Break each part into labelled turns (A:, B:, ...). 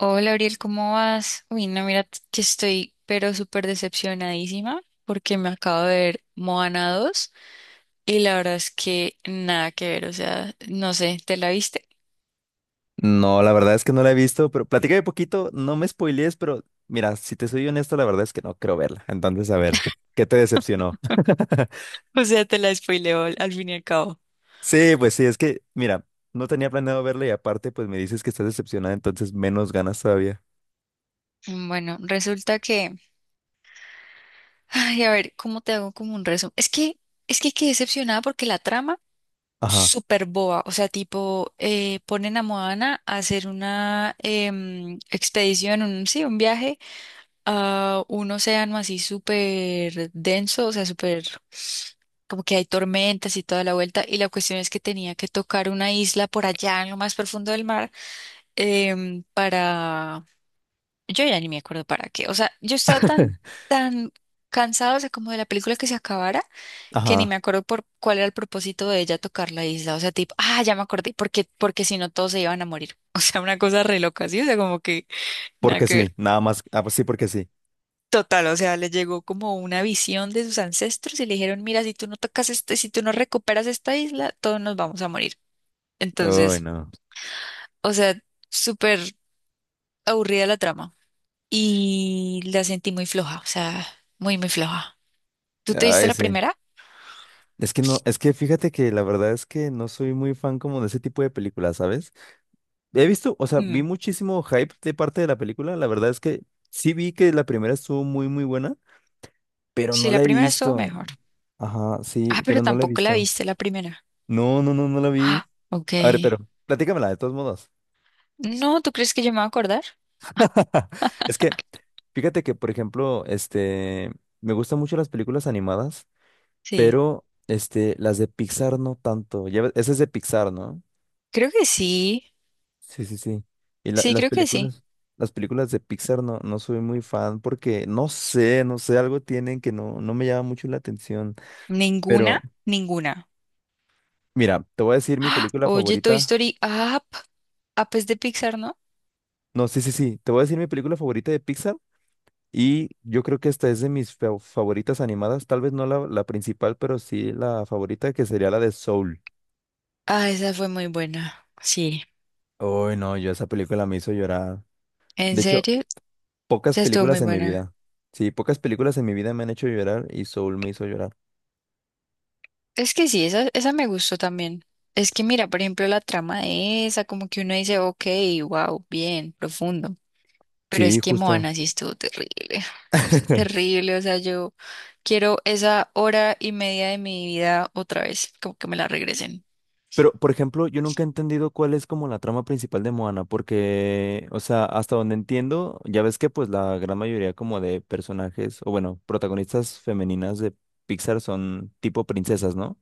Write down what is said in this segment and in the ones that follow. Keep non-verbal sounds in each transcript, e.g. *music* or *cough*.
A: Hola, Ariel, ¿cómo vas? Uy, no, mira que estoy pero súper decepcionadísima porque me acabo de ver Moana 2 y la verdad es que nada que ver, o sea, no sé, ¿te la viste?
B: No, la verdad es que no la he visto, pero platícame poquito, no me spoilees, pero mira, si te soy honesto, la verdad es que no creo verla. Entonces, a ver, ¿qué te decepcionó? *laughs*
A: *laughs* O sea, te la spoileo al fin y al cabo.
B: Sí, pues sí, es que, mira, no tenía planeado verla y aparte, pues me dices que estás decepcionada, entonces menos ganas todavía.
A: Bueno, resulta que, ay, a ver, ¿cómo te hago como un resumen? Es que quedé decepcionada porque la trama,
B: Ajá,
A: súper boba, o sea, tipo, ponen a Moana a hacer una expedición, un, sí, un viaje a un océano así súper denso, o sea, súper como que hay tormentas y toda la vuelta, y la cuestión es que tenía que tocar una isla por allá en lo más profundo del mar para... Yo ya ni me acuerdo para qué, o sea, yo estaba tan,
B: *laughs*
A: tan cansada, o sea, como de la película que se acabara, que ni me
B: ajá,
A: acuerdo por cuál era el propósito de ella tocar la isla, o sea, tipo, ah, ya me acordé, porque si no todos se iban a morir, *laughs* o sea, una cosa re loca, ¿sí? O sea, como que nada
B: porque
A: que ver.
B: sí, nada más, ah, pues sí, porque sí.
A: Total, o sea, le llegó como una visión de sus ancestros y le dijeron, mira, si tú no tocas este, si tú no recuperas esta isla, todos nos vamos a morir.
B: Uy,
A: Entonces,
B: no.
A: o sea, súper aburrida la trama y la sentí muy floja, o sea, muy, muy floja. ¿Tú te viste
B: Ay,
A: la
B: sí.
A: primera?
B: Es que no, es que fíjate que la verdad es que no soy muy fan como de ese tipo de películas, ¿sabes? He visto, o sea, vi
A: Mm.
B: muchísimo hype de parte de la película. La verdad es que sí vi que la primera estuvo muy, muy buena, pero
A: Sí,
B: no
A: la
B: la he
A: primera estuvo
B: visto.
A: mejor.
B: Ajá,
A: Ah,
B: sí,
A: pero
B: pero no la he
A: tampoco la
B: visto.
A: viste la primera.
B: No, no, no, no la vi.
A: Ah, ok.
B: A ver, pero platícamela de todos modos.
A: No, ¿tú crees que yo me voy a acordar?
B: *laughs* Es que, fíjate que, por ejemplo, este, me gustan mucho las películas animadas,
A: Sí,
B: pero, este, las de Pixar no tanto. Ya, ves, esa es de Pixar, ¿no?
A: creo que sí.
B: Sí, sí, sí. Y
A: Sí,
B: las
A: creo que sí.
B: películas, las películas de Pixar no, no soy muy fan porque no sé, algo tienen que no, no me llama mucho la atención.
A: Ninguna,
B: Pero
A: ninguna.
B: mira, te voy a decir mi
A: ¡Ah!
B: película
A: Oye, Toy
B: favorita.
A: Story Up. Ah, pues de Pixar, ¿no?
B: No, sí, sí, sí, te voy a decir mi película favorita de Pixar y yo creo que esta es de mis favoritas animadas, tal vez no la principal, pero sí la favorita que sería la de Soul.
A: Ah, esa fue muy buena. Sí.
B: Uy, no, yo esa película me hizo llorar.
A: ¿En
B: De hecho,
A: serio?
B: pocas
A: Esa estuvo muy
B: películas en mi
A: buena.
B: vida. Sí, pocas películas en mi vida me han hecho llorar y Soul me hizo llorar.
A: Es que sí, esa me gustó también. Es que mira, por ejemplo, la trama de esa, como que uno dice, ok, wow, bien, profundo. Pero es
B: Sí,
A: que
B: justo.
A: Moana sí estuvo terrible. *sighs* O sea,
B: *laughs*
A: terrible, o sea, yo quiero esa hora y media de mi vida otra vez, como que me la regresen.
B: Pero, por ejemplo, yo nunca he entendido cuál es como la trama principal de Moana, porque, o sea, hasta donde entiendo, ya ves que pues la gran mayoría como de personajes, o bueno, protagonistas femeninas de Pixar son tipo princesas, ¿no?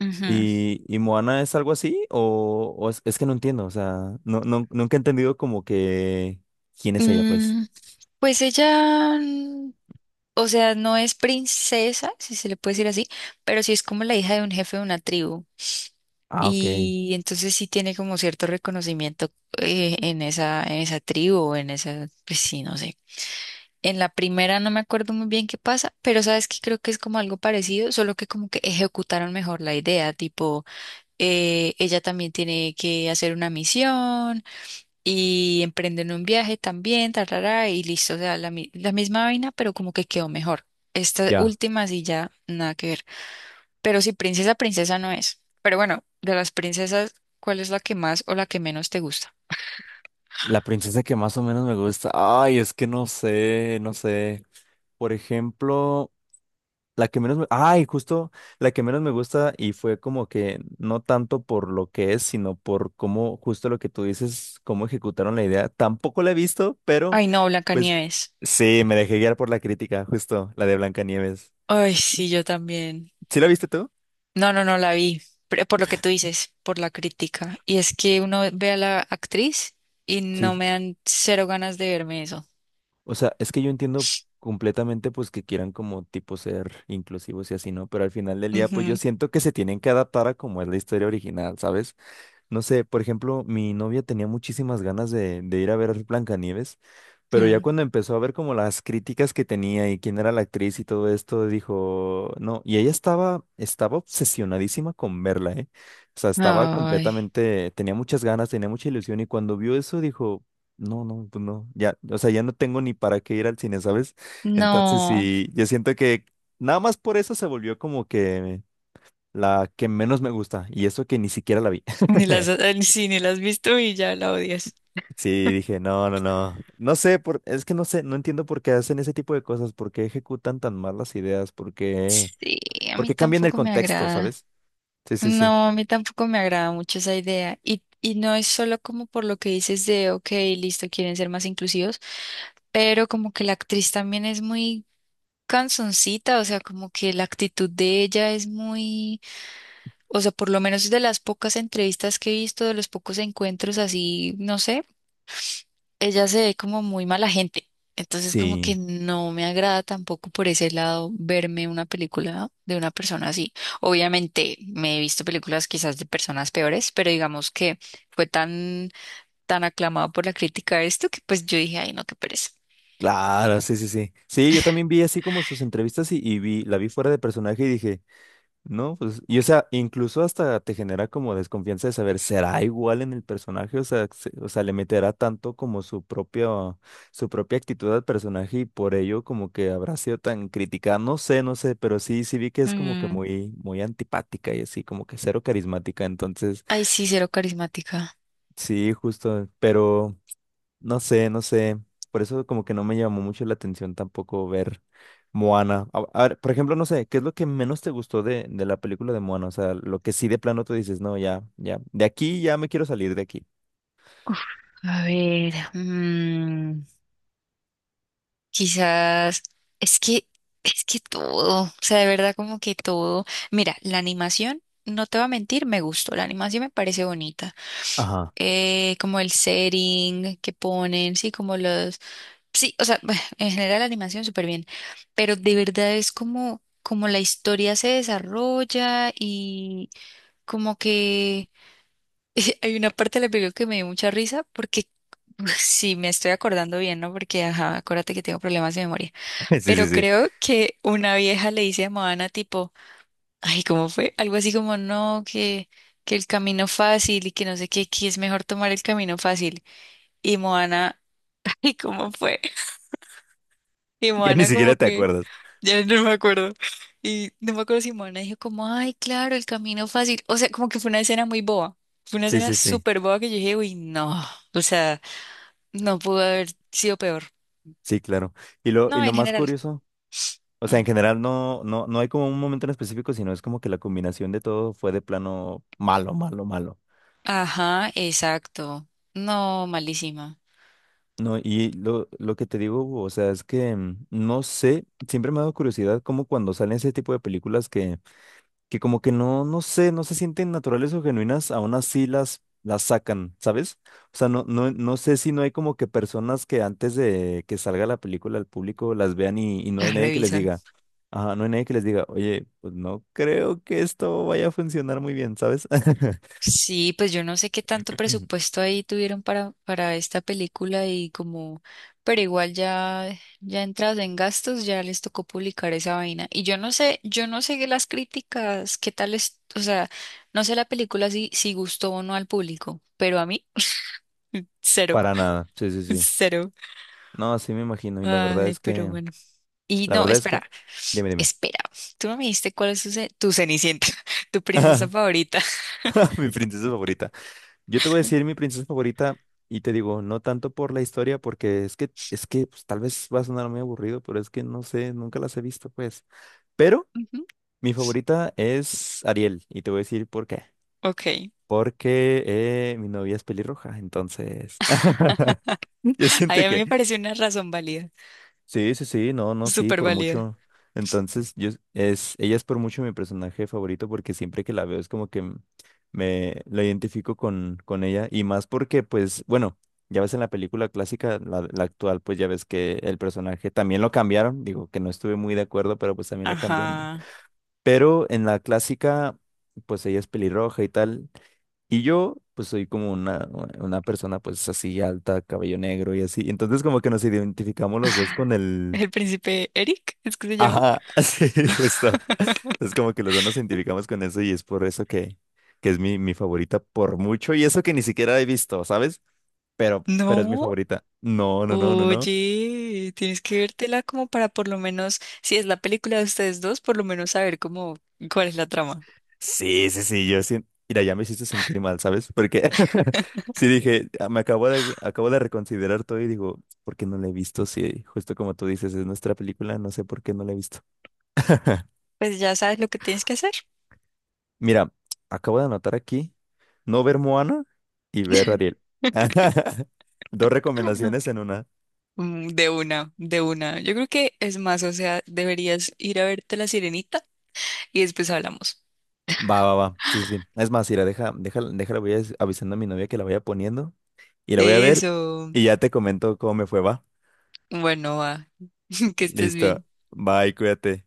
A: Ujú.
B: Y Moana es algo así? O es que no entiendo, o sea, no, no, nunca he entendido como que quién es ella, pues.
A: Mm. Pues ella, o sea, no es princesa, si se le puede decir así, pero sí es como la hija de un jefe de una tribu.
B: Ah, ok,
A: Y entonces sí tiene como cierto reconocimiento en esa tribu, o en esa, pues sí, no sé. En la primera no me acuerdo muy bien qué pasa, pero sabes que creo que es como algo parecido, solo que como que ejecutaron mejor la idea, tipo, ella también tiene que hacer una misión, y emprenden un viaje también, tarara, y listo, o sea, la, la misma vaina, pero como que quedó mejor. Esta
B: ya.
A: última sí ya nada que ver. Pero si princesa, princesa no es. Pero bueno, de las princesas, ¿cuál es la que más o la que menos te gusta?
B: La princesa que más o menos me gusta. Ay, es que no sé, no sé. Por ejemplo. La que menos me. Ay, justo la que menos me gusta y fue como que no tanto por lo que es, sino por cómo, justo lo que tú dices, cómo ejecutaron la idea. Tampoco la he visto, pero
A: Ay, no,
B: pues
A: Blancanieves.
B: sí, me dejé guiar por la crítica, justo la de Blancanieves.
A: Ay, sí, yo también.
B: ¿Sí la viste tú?
A: No, no, no la vi. Pero por lo que tú dices, por la crítica. Y es que uno ve a la actriz y no
B: Sí.
A: me dan cero ganas de verme eso.
B: O sea, es que yo entiendo completamente pues que quieran como tipo ser inclusivos y así, ¿no? Pero al final del día pues yo
A: Ujú.
B: siento que se tienen que adaptar a como es la historia original, ¿sabes? No sé, por ejemplo, mi novia tenía muchísimas ganas de ir a ver Blancanieves, pero ya
A: Mm.
B: cuando empezó a ver como las críticas que tenía y quién era la actriz y todo esto, dijo, no, y ella estaba, estaba obsesionadísima con verla, ¿eh? O sea, estaba
A: Ay,
B: completamente, tenía muchas ganas, tenía mucha ilusión y cuando vio eso dijo, no, no, pues no, ya, o sea, ya no tengo ni para qué ir al cine, ¿sabes? Entonces,
A: no.
B: sí, yo siento que nada más por eso se volvió como que la que menos me gusta y eso que ni siquiera la vi.
A: Ni las,
B: *laughs*
A: sí, ni las has visto y ya la odias.
B: Sí, dije, no, no, no. No sé, es que no sé, no entiendo por qué hacen ese tipo de cosas, por qué ejecutan tan mal las ideas, por qué,
A: Sí, a
B: por
A: mí
B: qué cambian el
A: tampoco me
B: contexto,
A: agrada.
B: ¿sabes? Sí, sí, sí.
A: No, a mí tampoco me agrada mucho esa idea. Y no es solo como por lo que dices de, ok, listo, quieren ser más inclusivos, pero como que la actriz también es muy canzoncita, o sea, como que la actitud de ella es muy, o sea, por lo menos de las pocas entrevistas que he visto, de los pocos encuentros así, no sé. Ella se ve como muy mala gente. Entonces como que
B: Sí,
A: no me agrada tampoco por ese lado verme una película de una persona así. Obviamente me he visto películas quizás de personas peores, pero digamos que fue tan aclamado por la crítica de esto que pues yo dije, ay no, qué pereza.
B: claro, sí, sí, sí. Sí, yo también vi así como sus entrevistas y la vi fuera de personaje y dije, no, pues, y o sea, incluso hasta te genera como desconfianza de saber, ¿será igual en el personaje? O sea, o sea, le meterá tanto como su propia actitud al personaje y por ello como que habrá sido tan criticada. No sé, no sé, pero sí, sí vi que es como que
A: Mm.
B: muy, muy antipática y así, como que cero carismática. Entonces,
A: Ay sí, cero carismática.
B: sí, justo, pero. No sé, no sé. Por eso como que no me llamó mucho la atención tampoco ver Moana. A ver, por ejemplo, no sé, ¿qué es lo que menos te gustó de la película de Moana? O sea, lo que sí de plano tú dices, no, ya, ya, de aquí ya me quiero salir de aquí.
A: Uf, a ver. Quizás es que es que todo, o sea, de verdad como que todo. Mira, la animación, no te voy a mentir, me gustó, la animación me parece bonita.
B: Ajá.
A: Como el setting que ponen, sí, como los, sí, o sea, *laughs* en general la animación súper bien, pero de verdad es como como la historia se desarrolla y como que *laughs* hay una parte de la película que me dio mucha risa porque *laughs* sí, me estoy acordando bien, ¿no? Porque ajá, acuérdate que tengo problemas de memoria.
B: *laughs* Sí, sí,
A: Pero
B: sí.
A: creo que una vieja le dice a Moana tipo, ay, ¿cómo fue? Algo así como, no, que el camino fácil y que no sé qué, que es mejor tomar el camino fácil. Y Moana, *laughs* ay, ¿cómo fue? Y
B: Ya ni
A: Moana
B: siquiera
A: como
B: te
A: que,
B: acuerdas.
A: ya no me acuerdo. Y no me acuerdo si Moana dijo como, ay, claro, el camino fácil. O sea, como que fue una escena muy boba. Fue una
B: Sí,
A: escena
B: sí, sí.
A: súper boba que yo dije, uy, no. O sea, no pudo haber sido peor.
B: Sí, claro. Y lo, y
A: No,
B: lo
A: en
B: más
A: general.
B: curioso, o sea, en
A: Mm.
B: general no, no, no hay como un momento en específico, sino es como que la combinación de todo fue de plano malo, malo, malo.
A: Ajá, exacto. No, malísima.
B: No, y lo que te digo, Hugo, o sea, es que mm, no sé, siempre me ha dado curiosidad como cuando salen ese tipo de películas que como que no, no sé, no se sienten naturales o genuinas, aún así las sacan, ¿sabes? O sea, no, no, no sé si no hay como que personas que antes de que salga la película al público las vean y no hay
A: Las
B: nadie que les
A: revisan.
B: diga, ajá, no hay nadie que les diga, oye, pues no creo que esto vaya a funcionar muy bien, ¿sabes? *clears throat*
A: Sí, pues yo no sé qué tanto
B: *laughs*
A: presupuesto ahí tuvieron para esta película y como, pero igual ya, ya entrados en gastos, ya les tocó publicar esa vaina. Y yo no sé las críticas, qué tal es, o sea, no sé la película si, si gustó o no al público, pero a mí, cero,
B: Para nada, sí, sí,
A: *laughs*
B: sí.
A: cero.
B: No, así me imagino, y la verdad
A: Ay,
B: es
A: pero
B: que.
A: bueno. Y
B: La
A: no,
B: verdad es que,
A: espera,
B: dime, dime.
A: espera. Tú no me dijiste cuál es tu, tu Cenicienta, *laughs* tu princesa
B: *laughs*
A: favorita.
B: Mi
A: *laughs*
B: princesa favorita. Yo te voy a decir mi princesa favorita y te digo, no tanto por la historia, porque es que pues, tal vez va a sonar muy aburrido, pero es que no sé, nunca las he visto, pues. Pero
A: Ujú.
B: mi favorita es Ariel y te voy a decir por qué.
A: Ok.
B: Porque mi novia es pelirroja, entonces. *laughs* Yo
A: Ay,
B: siento
A: a mí
B: que.
A: me pareció una razón válida,
B: Sí, sí, sí, no, no, sí,
A: súper
B: por
A: válida.
B: mucho. Entonces, yo es, ella es por mucho mi personaje favorito porque siempre que la veo es como que me la identifico con ella y más porque, pues, bueno, ya ves en la película clásica, la actual, pues ya ves que el personaje también lo cambiaron, digo que no estuve muy de acuerdo, pero pues también lo cambiaron.
A: Ajá.
B: Pero en la clásica, pues ella es pelirroja y tal, y yo, pues soy como una persona, pues así alta, cabello negro y así. Entonces, como que nos identificamos los dos con el.
A: ¿El príncipe Eric? ¿Es que se llama?
B: Ajá, *laughs* sí,
A: *laughs*
B: justo. Es como que los dos nos identificamos con eso y es por eso que es mi favorita por mucho. Y eso que ni siquiera he visto, ¿sabes? Pero es mi
A: No,
B: favorita. No, no, no, no, no.
A: oye, tienes que vértela como para por lo menos, si es la película de ustedes dos, por lo menos saber cómo, cuál es la trama.
B: Sí, sí, sí, yo sí. Mira, ya me hiciste sentir mal, ¿sabes? Porque *laughs* sí dije, "Ah, acabo de reconsiderar todo y digo, ¿por qué no la he visto? Sí, justo como tú dices, es nuestra película, no sé por qué no la he visto. *laughs*
A: Pues ya sabes lo que tienes que hacer.
B: Mira, acabo de anotar aquí no ver Moana y ver Ariel.
A: *laughs*
B: *laughs* Dos recomendaciones en una.
A: Mm. De una, de una. Yo creo que es más, o sea, deberías ir a verte La Sirenita y después hablamos.
B: Va, va, va. Sí, sí, sí. Es más, mira, deja, deja. Déjala, avisando a mi novia que la vaya poniendo y la voy a ver
A: Eso.
B: y ya te comento cómo me fue, va.
A: Bueno, va. *laughs* Que estés
B: Listo.
A: bien.
B: Bye, cuídate.